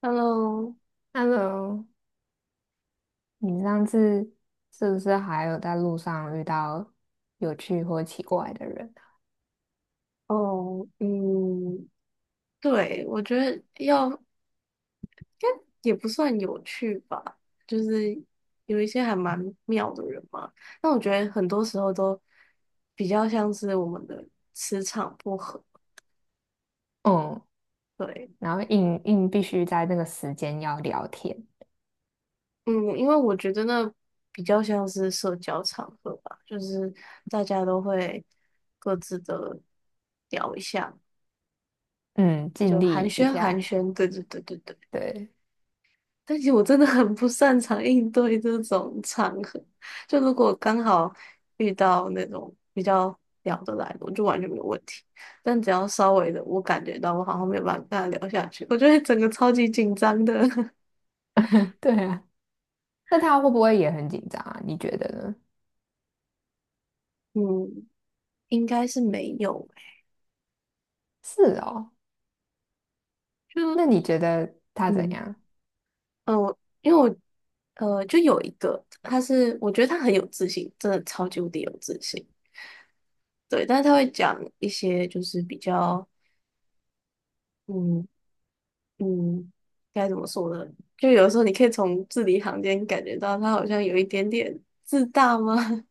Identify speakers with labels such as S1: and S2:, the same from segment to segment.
S1: Hello,
S2: Hello，你上次是不是还有在路上遇到有趣或奇怪的人？
S1: 哦，嗯，对，我觉得要也不算有趣吧，就是有一些还蛮妙的人嘛。但我觉得很多时候都比较像是我们的磁场不合。
S2: 嗯，
S1: 对，
S2: 然后硬硬必须在那个时间要聊天，
S1: 嗯，因为我觉得那比较像是社交场合吧，就是大家都会各自的聊一下，
S2: 嗯，尽
S1: 就
S2: 力
S1: 寒
S2: 一
S1: 暄寒
S2: 下。
S1: 暄。对对对对对。
S2: 对，
S1: 但其实我真的很不擅长应对这种场合。就如果刚好遇到那种比较聊得来的，我就完全没有问题。但只要稍微的，我感觉到我好像没有办法跟他聊下去，我就会整个超级紧张的。
S2: 对啊。那他会不会也很紧张啊？你觉得呢？
S1: 嗯，应该是没有欸。
S2: 是哦，
S1: 就
S2: 那你觉得他怎
S1: 嗯
S2: 样？
S1: 因为我就有一个，他是我觉得他很有自信，真的超级无敌有自信。对，但是他会讲一些就是比较。嗯。嗯，该怎么说呢？就有的时候你可以从字里行间感觉到他好像有一点点自大吗？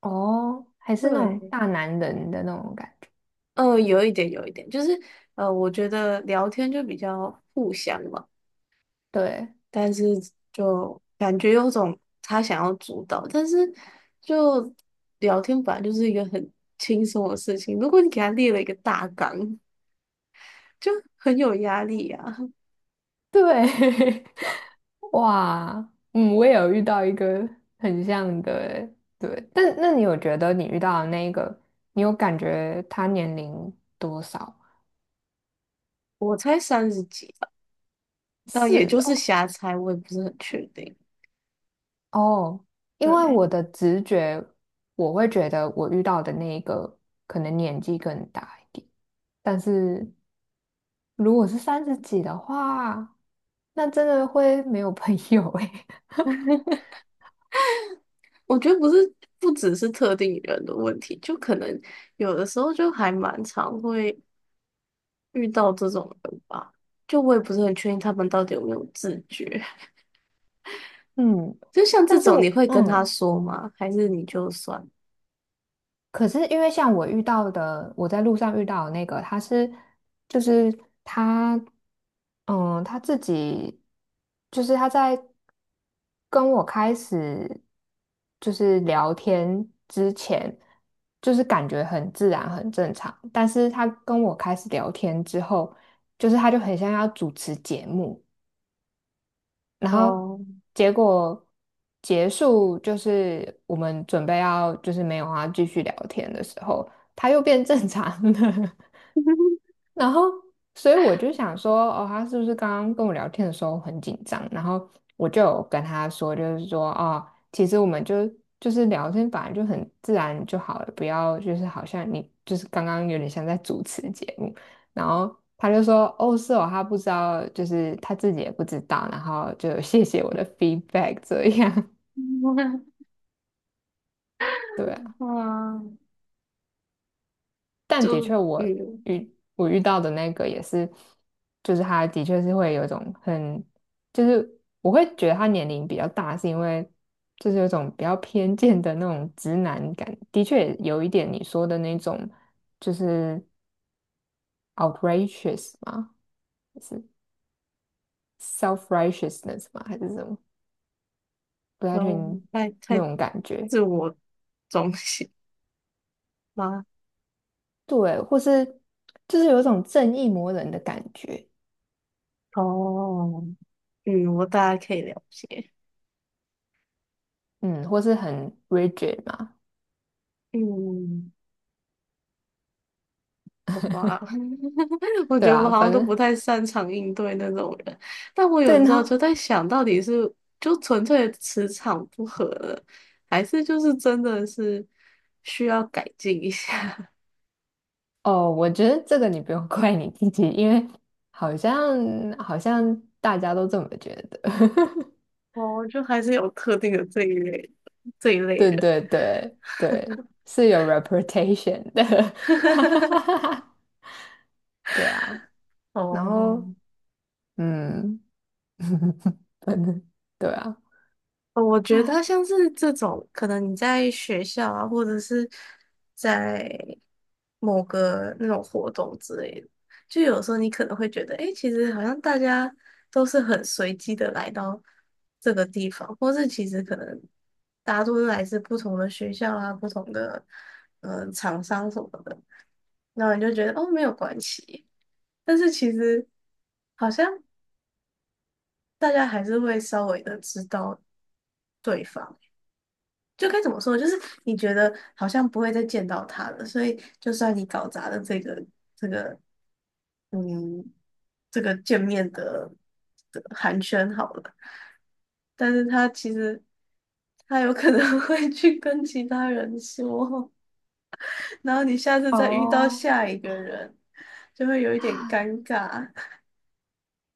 S2: 哦，还是那种
S1: 对，
S2: 大男人的那种感觉？
S1: 有一点，有一点，就是我觉得聊天就比较互相嘛，
S2: 对，
S1: 但是就感觉有种他想要主导，但是就聊天本来就是一个很轻松的事情，如果你给他列了一个大纲，就很有压力啊。
S2: 对，哇，嗯，我也有遇到一个很像的欸，对，但那你有觉得你遇到的那一个，你有感觉他年龄多少？
S1: 我才三十几吧，但也
S2: 是
S1: 就是
S2: 哦，
S1: 瞎猜，我也不是很确定。
S2: 哦，因为
S1: 对。
S2: 我的直觉，我会觉得我遇到的那一个可能年纪更大一点，但是如果是三十几的话，那真的会没有朋友诶。
S1: 我觉得不是，不只是特定人的问题，就可能有的时候就还蛮常会遇到这种人吧。就我也不是很确定他们到底有没有自觉。
S2: 嗯，
S1: 就像这
S2: 但是
S1: 种，你
S2: 我
S1: 会跟他
S2: 嗯。
S1: 说吗？还是你就算
S2: 可是因为像我遇到的，我在路上遇到的那个，他是就是他，嗯，他自己就是他在跟我开始聊天之前，就是感觉很自然很正常，但是他跟我开始聊天之后，他就很像要主持节目，然后
S1: 哦，
S2: 结果结束，就是我们准备要没有啊，继续聊天的时候，他又变正常了。然后，所以我就想说，哦，他是不是刚刚跟我聊天的时候很紧张？然后我就有跟他说，就是说，哦，其实我们就是聊天，本来就很自然就好了，不要就是好像你就是刚刚有点像在主持节目。然后他就说，哦，是哦，他不知道，就是他自己也不知道，然后就谢谢我的 feedback 这样，对啊，
S1: 啊，
S2: 但的
S1: 就
S2: 确我
S1: 嗯，
S2: 遇到的那个也是，就是他的确是会有一种很，就是我会觉得他年龄比较大，是因为就是有一种比较偏见的那种直男感，的确有一点你说的那种就是 outrageous 嘛，是 self righteousness 吗？还是什么？不太确
S1: 哦，
S2: 定
S1: 太
S2: 那
S1: 太
S2: 种感觉，
S1: 自我中心吗？
S2: 对，或是就是有一种正义魔人的感觉，
S1: 哦，嗯，我大概可以了解，
S2: 嗯，或是很 rigid 嘛。
S1: 嗯。好吧，我
S2: 对
S1: 觉得我们
S2: 啊，
S1: 好像
S2: 反
S1: 都不
S2: 正
S1: 太擅长应对那种人，但我有
S2: 对
S1: 的时候
S2: 呢，
S1: 就在想，到底是就纯粹的磁场不合了，还是就是真的是需要改进一下？
S2: 哦，我觉得这个你不用 怪你自己，因为好像好像大家都这么觉得。
S1: 哦，就还是有特定的这一类
S2: 对
S1: 人。
S2: 对对对，是有 reputation 的，哈哈哈哈 哈，对啊，然
S1: 哦，
S2: 后嗯，反正对啊，
S1: 我觉得
S2: 哎
S1: 像是这种，可能你在学校啊，或者是在某个那种活动之类的，就有时候你可能会觉得，诶，其实好像大家都是很随机的来到这个地方，或是其实可能大家都是来自不同的学校啊、不同的厂商什么的，然后你就觉得哦没有关系，但是其实好像大家还是会稍微的知道对方。就该怎么说，就是你觉得好像不会再见到他了，所以就算你搞砸了这个，嗯，这个见面的寒暄好了，但是他其实有可能 会去跟其他人说，然后你下次再遇到
S2: 哦
S1: 下一个人，就会有一点尴尬。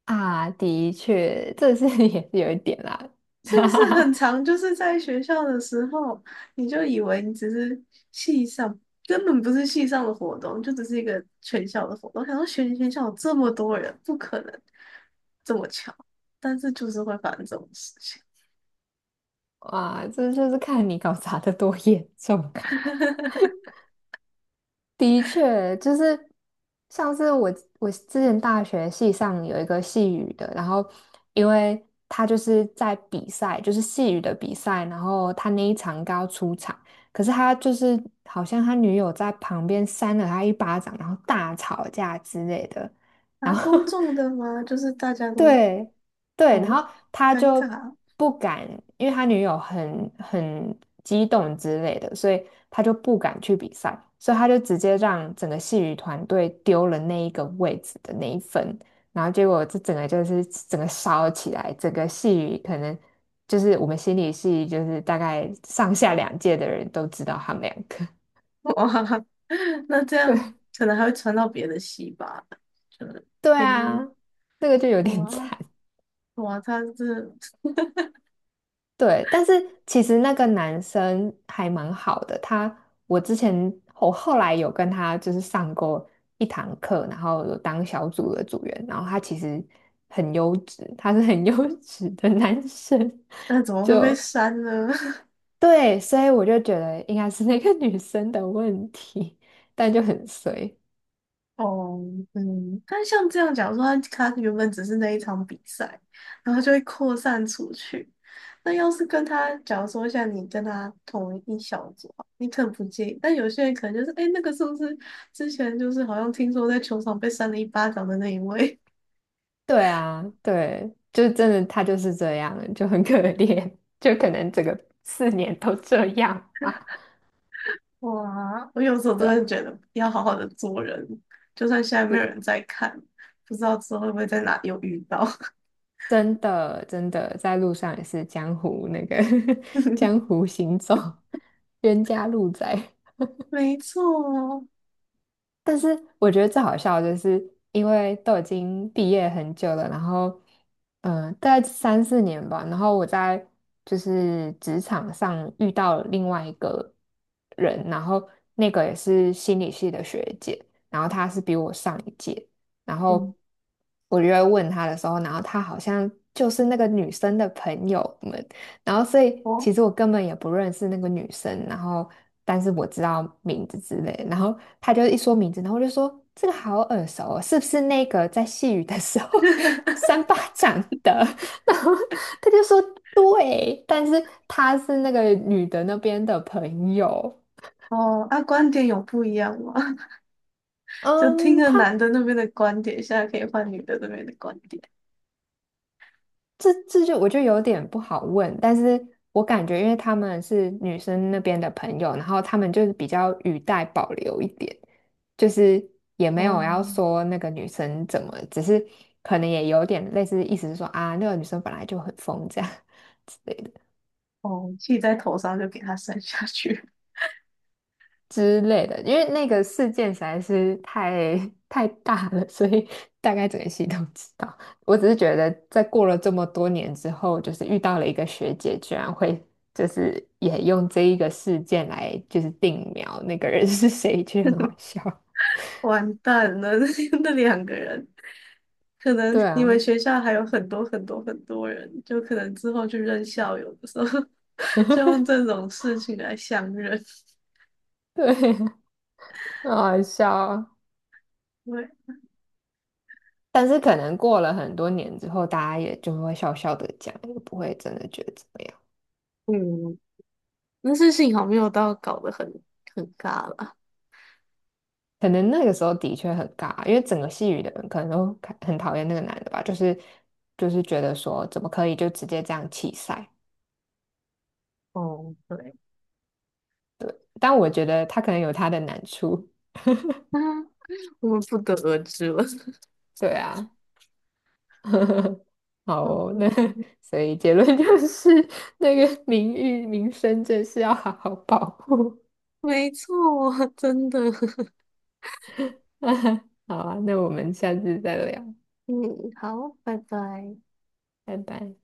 S2: 啊，的确，这是 也是有一点啦，
S1: 是不
S2: 哈哈
S1: 是很
S2: 哈，
S1: 长？就是在学校的时候，你就以为你只是系上，根本不是系上的活动，就只是一个全校的活动。想说全校有这么多人，不可能这么巧，但是就是会发生这种事情。
S2: 哇，这就是看你搞砸的多严重。的确，就是上次我之前大学系上有一个细语的，然后因为他就是在比赛，就是细语的比赛，然后他那一场刚出场，可是他就是好像他女友在旁边扇了他一巴掌，然后大吵架之类的，
S1: 啊，
S2: 然后
S1: 公 众的吗？就是大家都
S2: 对对，然
S1: 哦，
S2: 后他
S1: 尴
S2: 就
S1: 尬
S2: 不敢，因为他女友很激动之类的，所以他就不敢去比赛，所以他就直接让整个戏剧团队丢了那一个位置的那一份，然后结果这整个就是整个烧起来，整个戏剧可能就是我们心理系就是大概上下两届的人都知道他们两个，
S1: 哇，那这 样
S2: 对
S1: 可能还会传到别的系吧？就是，
S2: 对
S1: 比
S2: 啊，
S1: 如
S2: 这个就有点
S1: 哇
S2: 惨。
S1: 哇，他是
S2: 对，但是其实那个男生还蛮好的，他我之前我后来有跟他就是上过一堂课，然后有当小组的组员，然后他其实很优质，他是很 优质的男生，
S1: 那怎 么
S2: 就
S1: 会被删呢？
S2: 对，所以我就觉得应该是那个女生的问题，但就很衰。
S1: 哦，嗯，但像这样，假如说他原本只是那一场比赛，然后就会扩散出去。那要是跟他，假如说像你跟他同一小组啊你可能不介意，但有些人可能就是，哎，那个是不是之前就是好像听说在球场被扇了一巴掌的那一位？
S2: 对啊，对，就真的他就是这样，就很可怜，就可能整个四年都这样吧。
S1: 哇，我有时候
S2: 对
S1: 真的
S2: 啊。
S1: 觉得要好好的做人，就算现在没有人在看，不知道之后会不会在哪又遇到。
S2: 真的在路上也是江湖那个 江湖行走，冤家路窄。
S1: 没错，
S2: 但是我觉得最好笑的就是，因为都已经毕业很久了，然后，嗯、大概三四年吧，然后我在职场上遇到了另外一个人，然后那个也是心理系的学姐，然后她是比我上一届，然
S1: 嗯，
S2: 后我就会问她的时候，然后她好像就是那个女生的朋友们，然后所以
S1: 哦。
S2: 其实我根本也不认识那个女生，然后但是我知道名字之类，然后他就一说名字，然后我就说这个好耳熟哦，是不是那个在细雨的时候 三巴掌的？然后他就说对，但是他是那个女的那边的朋友，
S1: 哦，那观点有不一样吗？就听
S2: 嗯，
S1: 了
S2: 他
S1: 男的那边的观点，现在可以换女的那边的观点。
S2: 这就我就有点不好问，但是我感觉因为他们是女生那边的朋友，然后他们就是比较语带保留一点，就是也没
S1: 哦
S2: 有要说那个女生怎么，只是可能也有点类似意思是说啊，那个女生本来就很疯这样
S1: 哦，气在头上就给他生下去，
S2: 之类的，因为那个事件实在是太 太大了，所以 大概整个系统知道。我只是觉得，在过了这么多年之后，就是遇到了一个学姐，居然会就是也用这一个事件来就是定苗那个人是谁，其实很好笑。
S1: 完蛋了！那两个人，可能
S2: 对
S1: 你们
S2: 啊，
S1: 学校还有很多很多很多人，就可能之后去认校友的时候，就用 这种事情来相认。
S2: 对，很好笑啊。
S1: 对，
S2: 但是可能过了很多年之后，大家也就会笑笑的讲，也不会真的觉得怎么样。
S1: 嗯，但是幸好没有到搞得很尬了。
S2: 可能那个时候的确很尬，因为整个戏语的人可能都看很讨厌那个男的吧，就是觉得说怎么可以就直接这样弃赛？
S1: 哦，对，
S2: 但我觉得他可能有他的难处，
S1: 那我们不得而知了。
S2: 对啊，好哦，那 所以结论就是那个名誉名声真是要好好保护。
S1: 没错，真的。
S2: 好啊，那我们下次再聊，
S1: 嗯，好，拜拜。
S2: 拜拜。